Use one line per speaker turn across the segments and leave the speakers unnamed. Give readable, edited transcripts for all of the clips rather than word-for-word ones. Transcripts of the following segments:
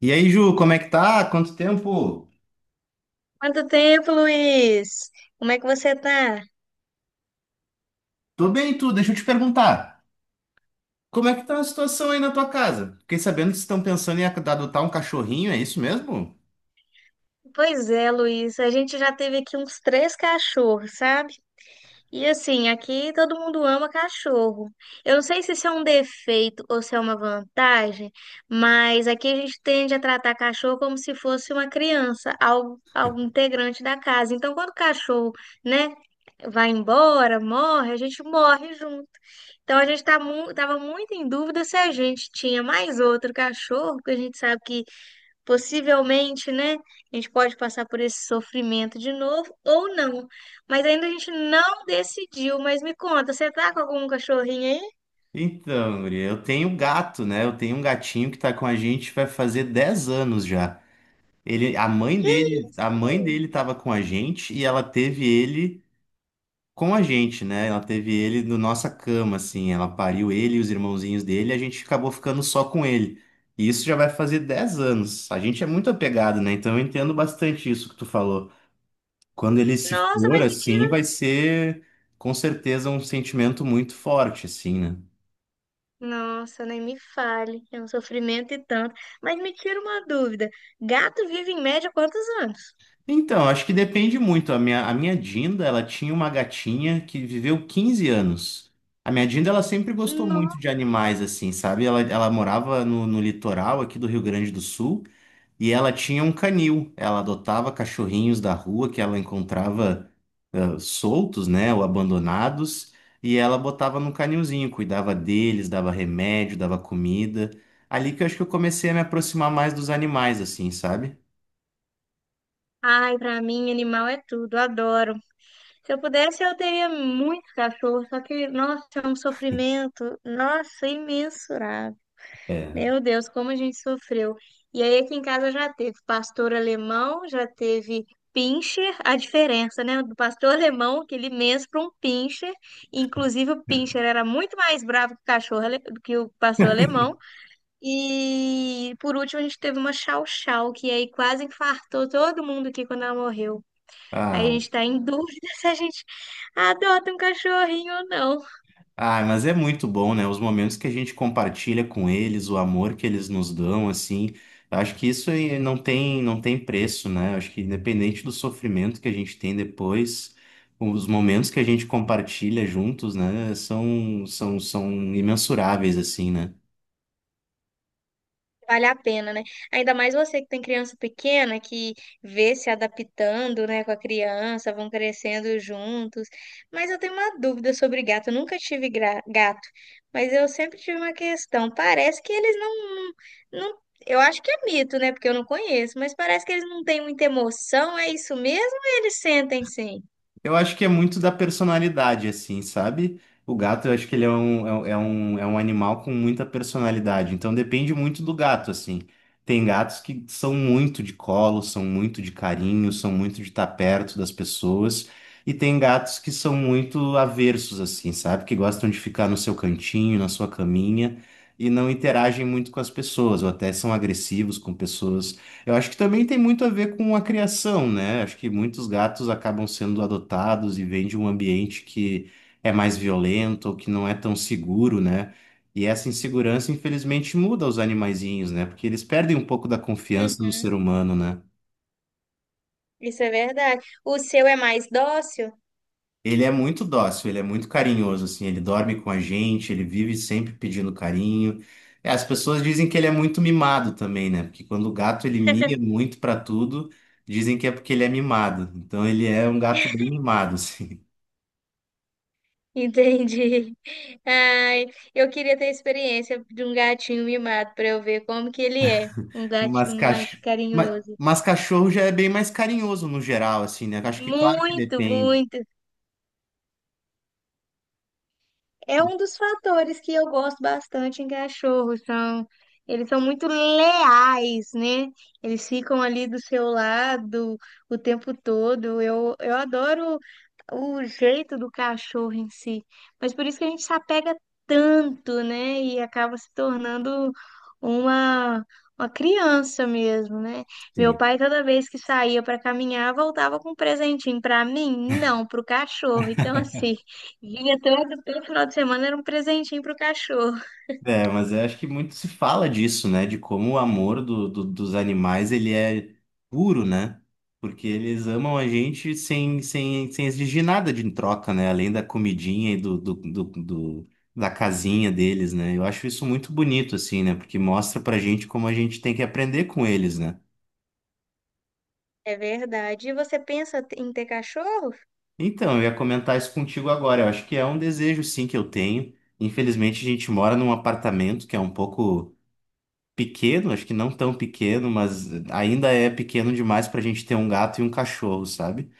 E aí, Ju, como é que tá? Quanto tempo?
Quanto tempo, Luiz? Como é que você tá?
Tô bem, tu. Deixa eu te perguntar. Como é que tá a situação aí na tua casa? Fiquei sabendo que vocês estão pensando em adotar um cachorrinho, é isso mesmo?
Pois é, Luiz, a gente já teve aqui uns três cachorros, sabe? E assim, aqui todo mundo ama cachorro. Eu não sei se isso é um defeito ou se é uma vantagem, mas aqui a gente tende a tratar cachorro como se fosse uma criança, algo integrante da casa. Então, quando o cachorro, né, vai embora, morre, a gente morre junto. Então a gente tá mu tava muito em dúvida se a gente tinha mais outro cachorro, porque a gente sabe que, possivelmente, né, a gente pode passar por esse sofrimento de novo ou não. Mas ainda a gente não decidiu. Mas me conta, você tá com algum cachorrinho aí?
Então, guria, eu tenho gato, né? Eu tenho um gatinho que tá com a gente, vai fazer 10 anos já. Ele, a mãe
Que
dele, a mãe
isso?
dele tava com a gente e ela teve ele com a gente, né? Ela teve ele na nossa cama, assim. Ela pariu ele e os irmãozinhos dele, e a gente acabou ficando só com ele. E isso já vai fazer 10 anos. A gente é muito apegado, né? Então eu entendo bastante isso que tu falou. Quando ele se
Nossa,
for,
mas me tira.
assim, vai ser com certeza um sentimento muito forte, assim, né?
Nossa, nem me fale. É um sofrimento e tanto. Mas me tira uma dúvida. Gato vive em média quantos anos?
Então, acho que depende muito. A minha Dinda, ela tinha uma gatinha que viveu 15 anos. A minha Dinda, ela sempre gostou
Não.
muito de animais, assim, sabe? Ela morava no litoral aqui do Rio Grande do Sul e ela tinha um canil. Ela adotava cachorrinhos da rua que ela encontrava ah, soltos, né, ou abandonados, e ela botava no canilzinho, cuidava deles, dava remédio, dava comida. Ali que eu acho que eu comecei a me aproximar mais dos animais, assim, sabe?
Ai, pra mim, animal é tudo. Adoro. Se eu pudesse, eu teria muitos cachorros. Só que, nossa, é um sofrimento. Nossa, imensurável.
É.
Meu Deus, como a gente sofreu. E aí aqui em casa já teve pastor alemão, já teve pincher, a diferença, né, do pastor alemão, aquele imenso para um pincher. Inclusive o pincher era muito mais bravo que o cachorro, do que o pastor alemão. E por último a gente teve uma chau chau, que aí quase infartou todo mundo aqui quando ela morreu. Aí a
Ah,
gente tá em dúvida se a gente adota um cachorrinho ou não.
Ah, mas é muito bom, né? Os momentos que a gente compartilha com eles, o amor que eles nos dão, assim, eu acho que isso aí não tem preço, né? Eu acho que independente do sofrimento que a gente tem depois, os momentos que a gente compartilha juntos, né, são imensuráveis, assim, né?
Vale a pena, né? Ainda mais você que tem criança pequena, que vê se adaptando, né, com a criança, vão crescendo juntos. Mas eu tenho uma dúvida sobre gato. Eu nunca tive gato, mas eu sempre tive uma questão. Parece que eles não, não... eu acho que é mito, né, porque eu não conheço, mas parece que eles não têm muita emoção. É isso mesmo? Ou eles sentem, sim?
Eu acho que é muito da personalidade, assim, sabe? O gato, eu acho que ele é um, é um, é um é um animal com muita personalidade. Então depende muito do gato, assim. Tem gatos que são muito de colo, são muito de carinho, são muito de estar perto das pessoas. E tem gatos que são muito aversos, assim, sabe? Que gostam de ficar no seu cantinho, na sua caminha, e não interagem muito com as pessoas, ou até são agressivos com pessoas. Eu acho que também tem muito a ver com a criação, né? Acho que muitos gatos acabam sendo adotados e vêm de um ambiente que é mais violento ou que não é tão seguro, né? E essa insegurança, infelizmente, muda os animaizinhos, né? Porque eles perdem um pouco da confiança no ser
Uhum,
humano, né?
isso é verdade. O seu é mais dócil?
Ele é muito dócil, ele é muito carinhoso, assim, ele dorme com a gente, ele vive sempre pedindo carinho. É, as pessoas dizem que ele é muito mimado também, né? Porque quando o gato ele mia muito pra tudo, dizem que é porque ele é mimado. Então ele é um gato bem mimado, assim.
Entendi. Ai, eu queria ter a experiência de um gatinho mimado para eu ver como que ele é, um
Mas,
gatinho mais
cach... mas,
carinhoso.
mas cachorro já é bem mais carinhoso no geral, assim, né? Acho que claro que
Muito,
depende.
muito. É um dos fatores que eu gosto bastante em cachorros, são eles são muito leais, né? Eles ficam ali do seu lado o tempo todo. Eu adoro o jeito do cachorro em si, mas por isso que a gente se apega tanto, né? E acaba se tornando uma uma criança mesmo, né? Meu
Sim.
pai toda vez que saía para caminhar, voltava com um presentinho para mim, não para o cachorro. Então, assim, vinha todo final de semana era um presentinho pro cachorro.
É, mas eu acho que muito se fala disso, né? De como o amor dos animais, ele é puro, né? Porque eles amam a gente sem exigir nada de em troca, né? Além da comidinha e do, do, do, do- da casinha deles, né? Eu acho isso muito bonito, assim, né? Porque mostra pra gente como a gente tem que aprender com eles, né?
É verdade. E você pensa em ter cachorro?
Então, eu ia comentar isso contigo agora. Eu acho que é um desejo, sim, que eu tenho. Infelizmente, a gente mora num apartamento que é um pouco pequeno, acho que não tão pequeno, mas ainda é pequeno demais para a gente ter um gato e um cachorro, sabe?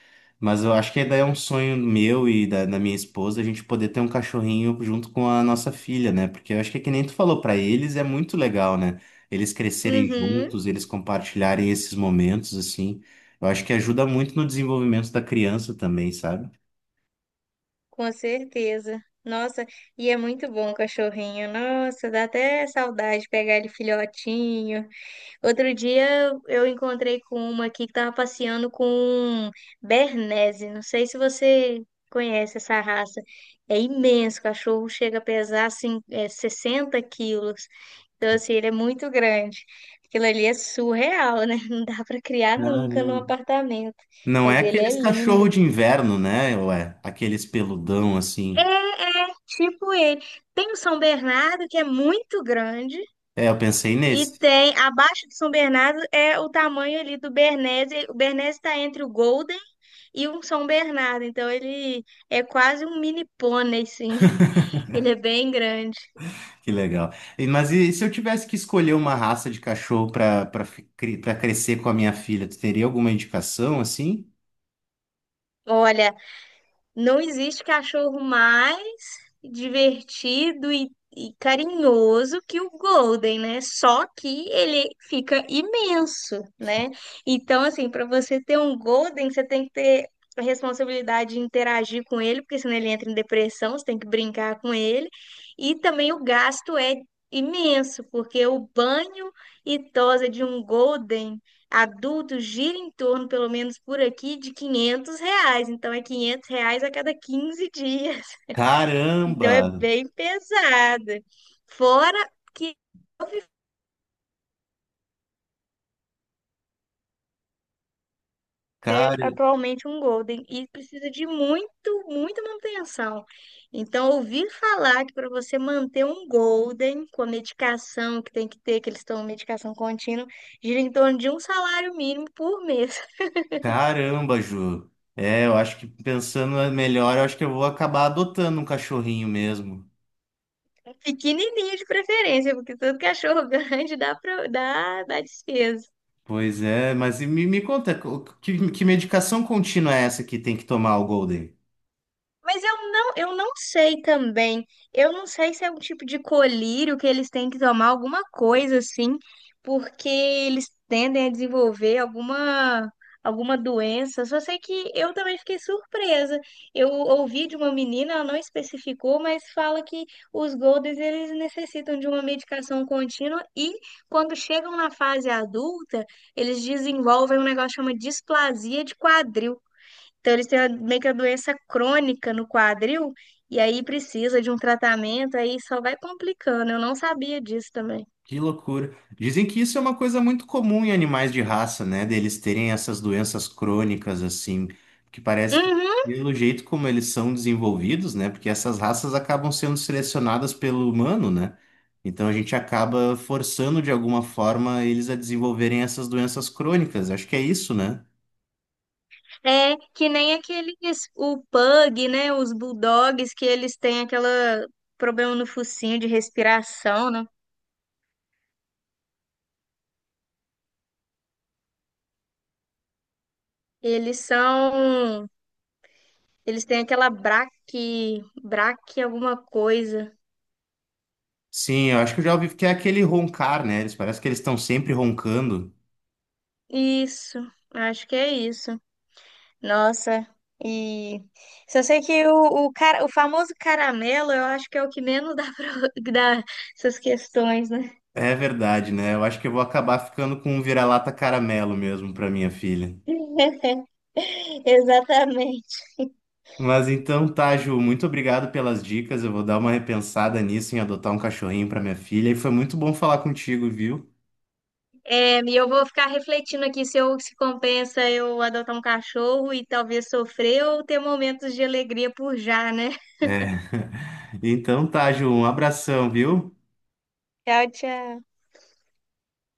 Mas eu acho que ainda é um sonho meu e da minha esposa a gente poder ter um cachorrinho junto com a nossa filha, né? Porque eu acho que, é que nem tu falou, para eles é muito legal, né? Eles crescerem
Uhum.
juntos, eles compartilharem esses momentos, assim. Eu acho que ajuda muito no desenvolvimento da criança também, sabe?
Com certeza. Nossa, e é muito bom o cachorrinho. Nossa, dá até saudade de pegar ele filhotinho. Outro dia eu encontrei com uma aqui que estava passeando com Bernese. Não sei se você conhece essa raça. É imenso, o cachorro chega a pesar assim, 60 quilos. Então, assim, ele é muito grande. Aquilo ali é surreal, né? Não dá para criar nunca num
Caramba.
apartamento.
Não é
Mas ele é
aqueles cachorro
lindo.
de inverno, né? Ué, aqueles peludão assim.
É, é, tipo ele. Tem o São Bernardo, que é muito grande.
É, eu pensei
E
nesse.
tem, abaixo de São Bernardo, é o tamanho ali do Bernese. O Bernese está entre o Golden e o São Bernardo. Então ele é quase um mini pônei, sim. Ele é bem grande.
Que legal. Mas e se eu tivesse que escolher uma raça de cachorro para crescer com a minha filha, tu teria alguma indicação assim?
Olha, não existe cachorro mais divertido e carinhoso que o Golden, né? Só que ele fica imenso, né? Então, assim, para você ter um Golden, você tem que ter a responsabilidade de interagir com ele, porque senão ele entra em depressão, você tem que brincar com ele. E também o gasto é imenso, porque o banho e tosa de um Golden adulto gira em torno, pelo menos por aqui, de R$ 500. Então, é R$ 500 a cada 15 dias. Então, é
Caramba!
bem pesada. Fora que eu vivo ter
Car...
atualmente um Golden e precisa de muito, muita manutenção. Então, ouvir falar que para você manter um Golden com a medicação que tem que ter, que eles estão medicação contínua, gira em torno de um salário mínimo por mês.
Caramba, Ju. É, eu acho que pensando melhor, eu acho que eu vou acabar adotando um cachorrinho mesmo.
Pequenininho de preferência, porque todo cachorro grande dá despesa.
Pois é, mas e me conta, que medicação contínua é essa que tem que tomar o Golden?
Mas eu não sei também. Eu não sei se é um tipo de colírio que eles têm que tomar alguma coisa assim, porque eles tendem a desenvolver alguma doença. Só sei que eu também fiquei surpresa. Eu ouvi de uma menina, ela não especificou, mas fala que os Golders eles necessitam de uma medicação contínua e quando chegam na fase adulta, eles desenvolvem um negócio que chama displasia de quadril. Então, eles têm meio que a doença crônica no quadril, e aí precisa de um tratamento, aí só vai complicando. Eu não sabia disso também.
Que loucura. Dizem que isso é uma coisa muito comum em animais de raça, né? Deles terem essas doenças crônicas, assim, que parece que,
Uhum,
pelo jeito como eles são desenvolvidos, né? Porque essas raças acabam sendo selecionadas pelo humano, né? Então a gente acaba forçando de alguma forma eles a desenvolverem essas doenças crônicas. Acho que é isso, né?
é que nem aqueles, o pug, né? Os bulldogs, que eles têm aquela problema no focinho de respiração, né? Eles são, eles têm aquela braque alguma coisa.
Sim, eu acho que eu já ouvi que é aquele roncar, né? Eles parece que eles estão sempre roncando.
Isso, acho que é isso. Nossa, e só sei que cara, o famoso caramelo, eu acho que é o que menos dá para dá essas questões, né?
É verdade, né? Eu acho que eu vou acabar ficando com um vira-lata caramelo mesmo para minha filha.
Exatamente.
Mas então tá, Ju, muito obrigado pelas dicas. Eu vou dar uma repensada nisso em adotar um cachorrinho para minha filha. E foi muito bom falar contigo, viu?
É, e eu vou ficar refletindo aqui se compensa eu adotar um cachorro e talvez sofrer ou ter momentos de alegria por já, né?
É. Então tá, Ju, um abração, viu?
Tchau, tchau.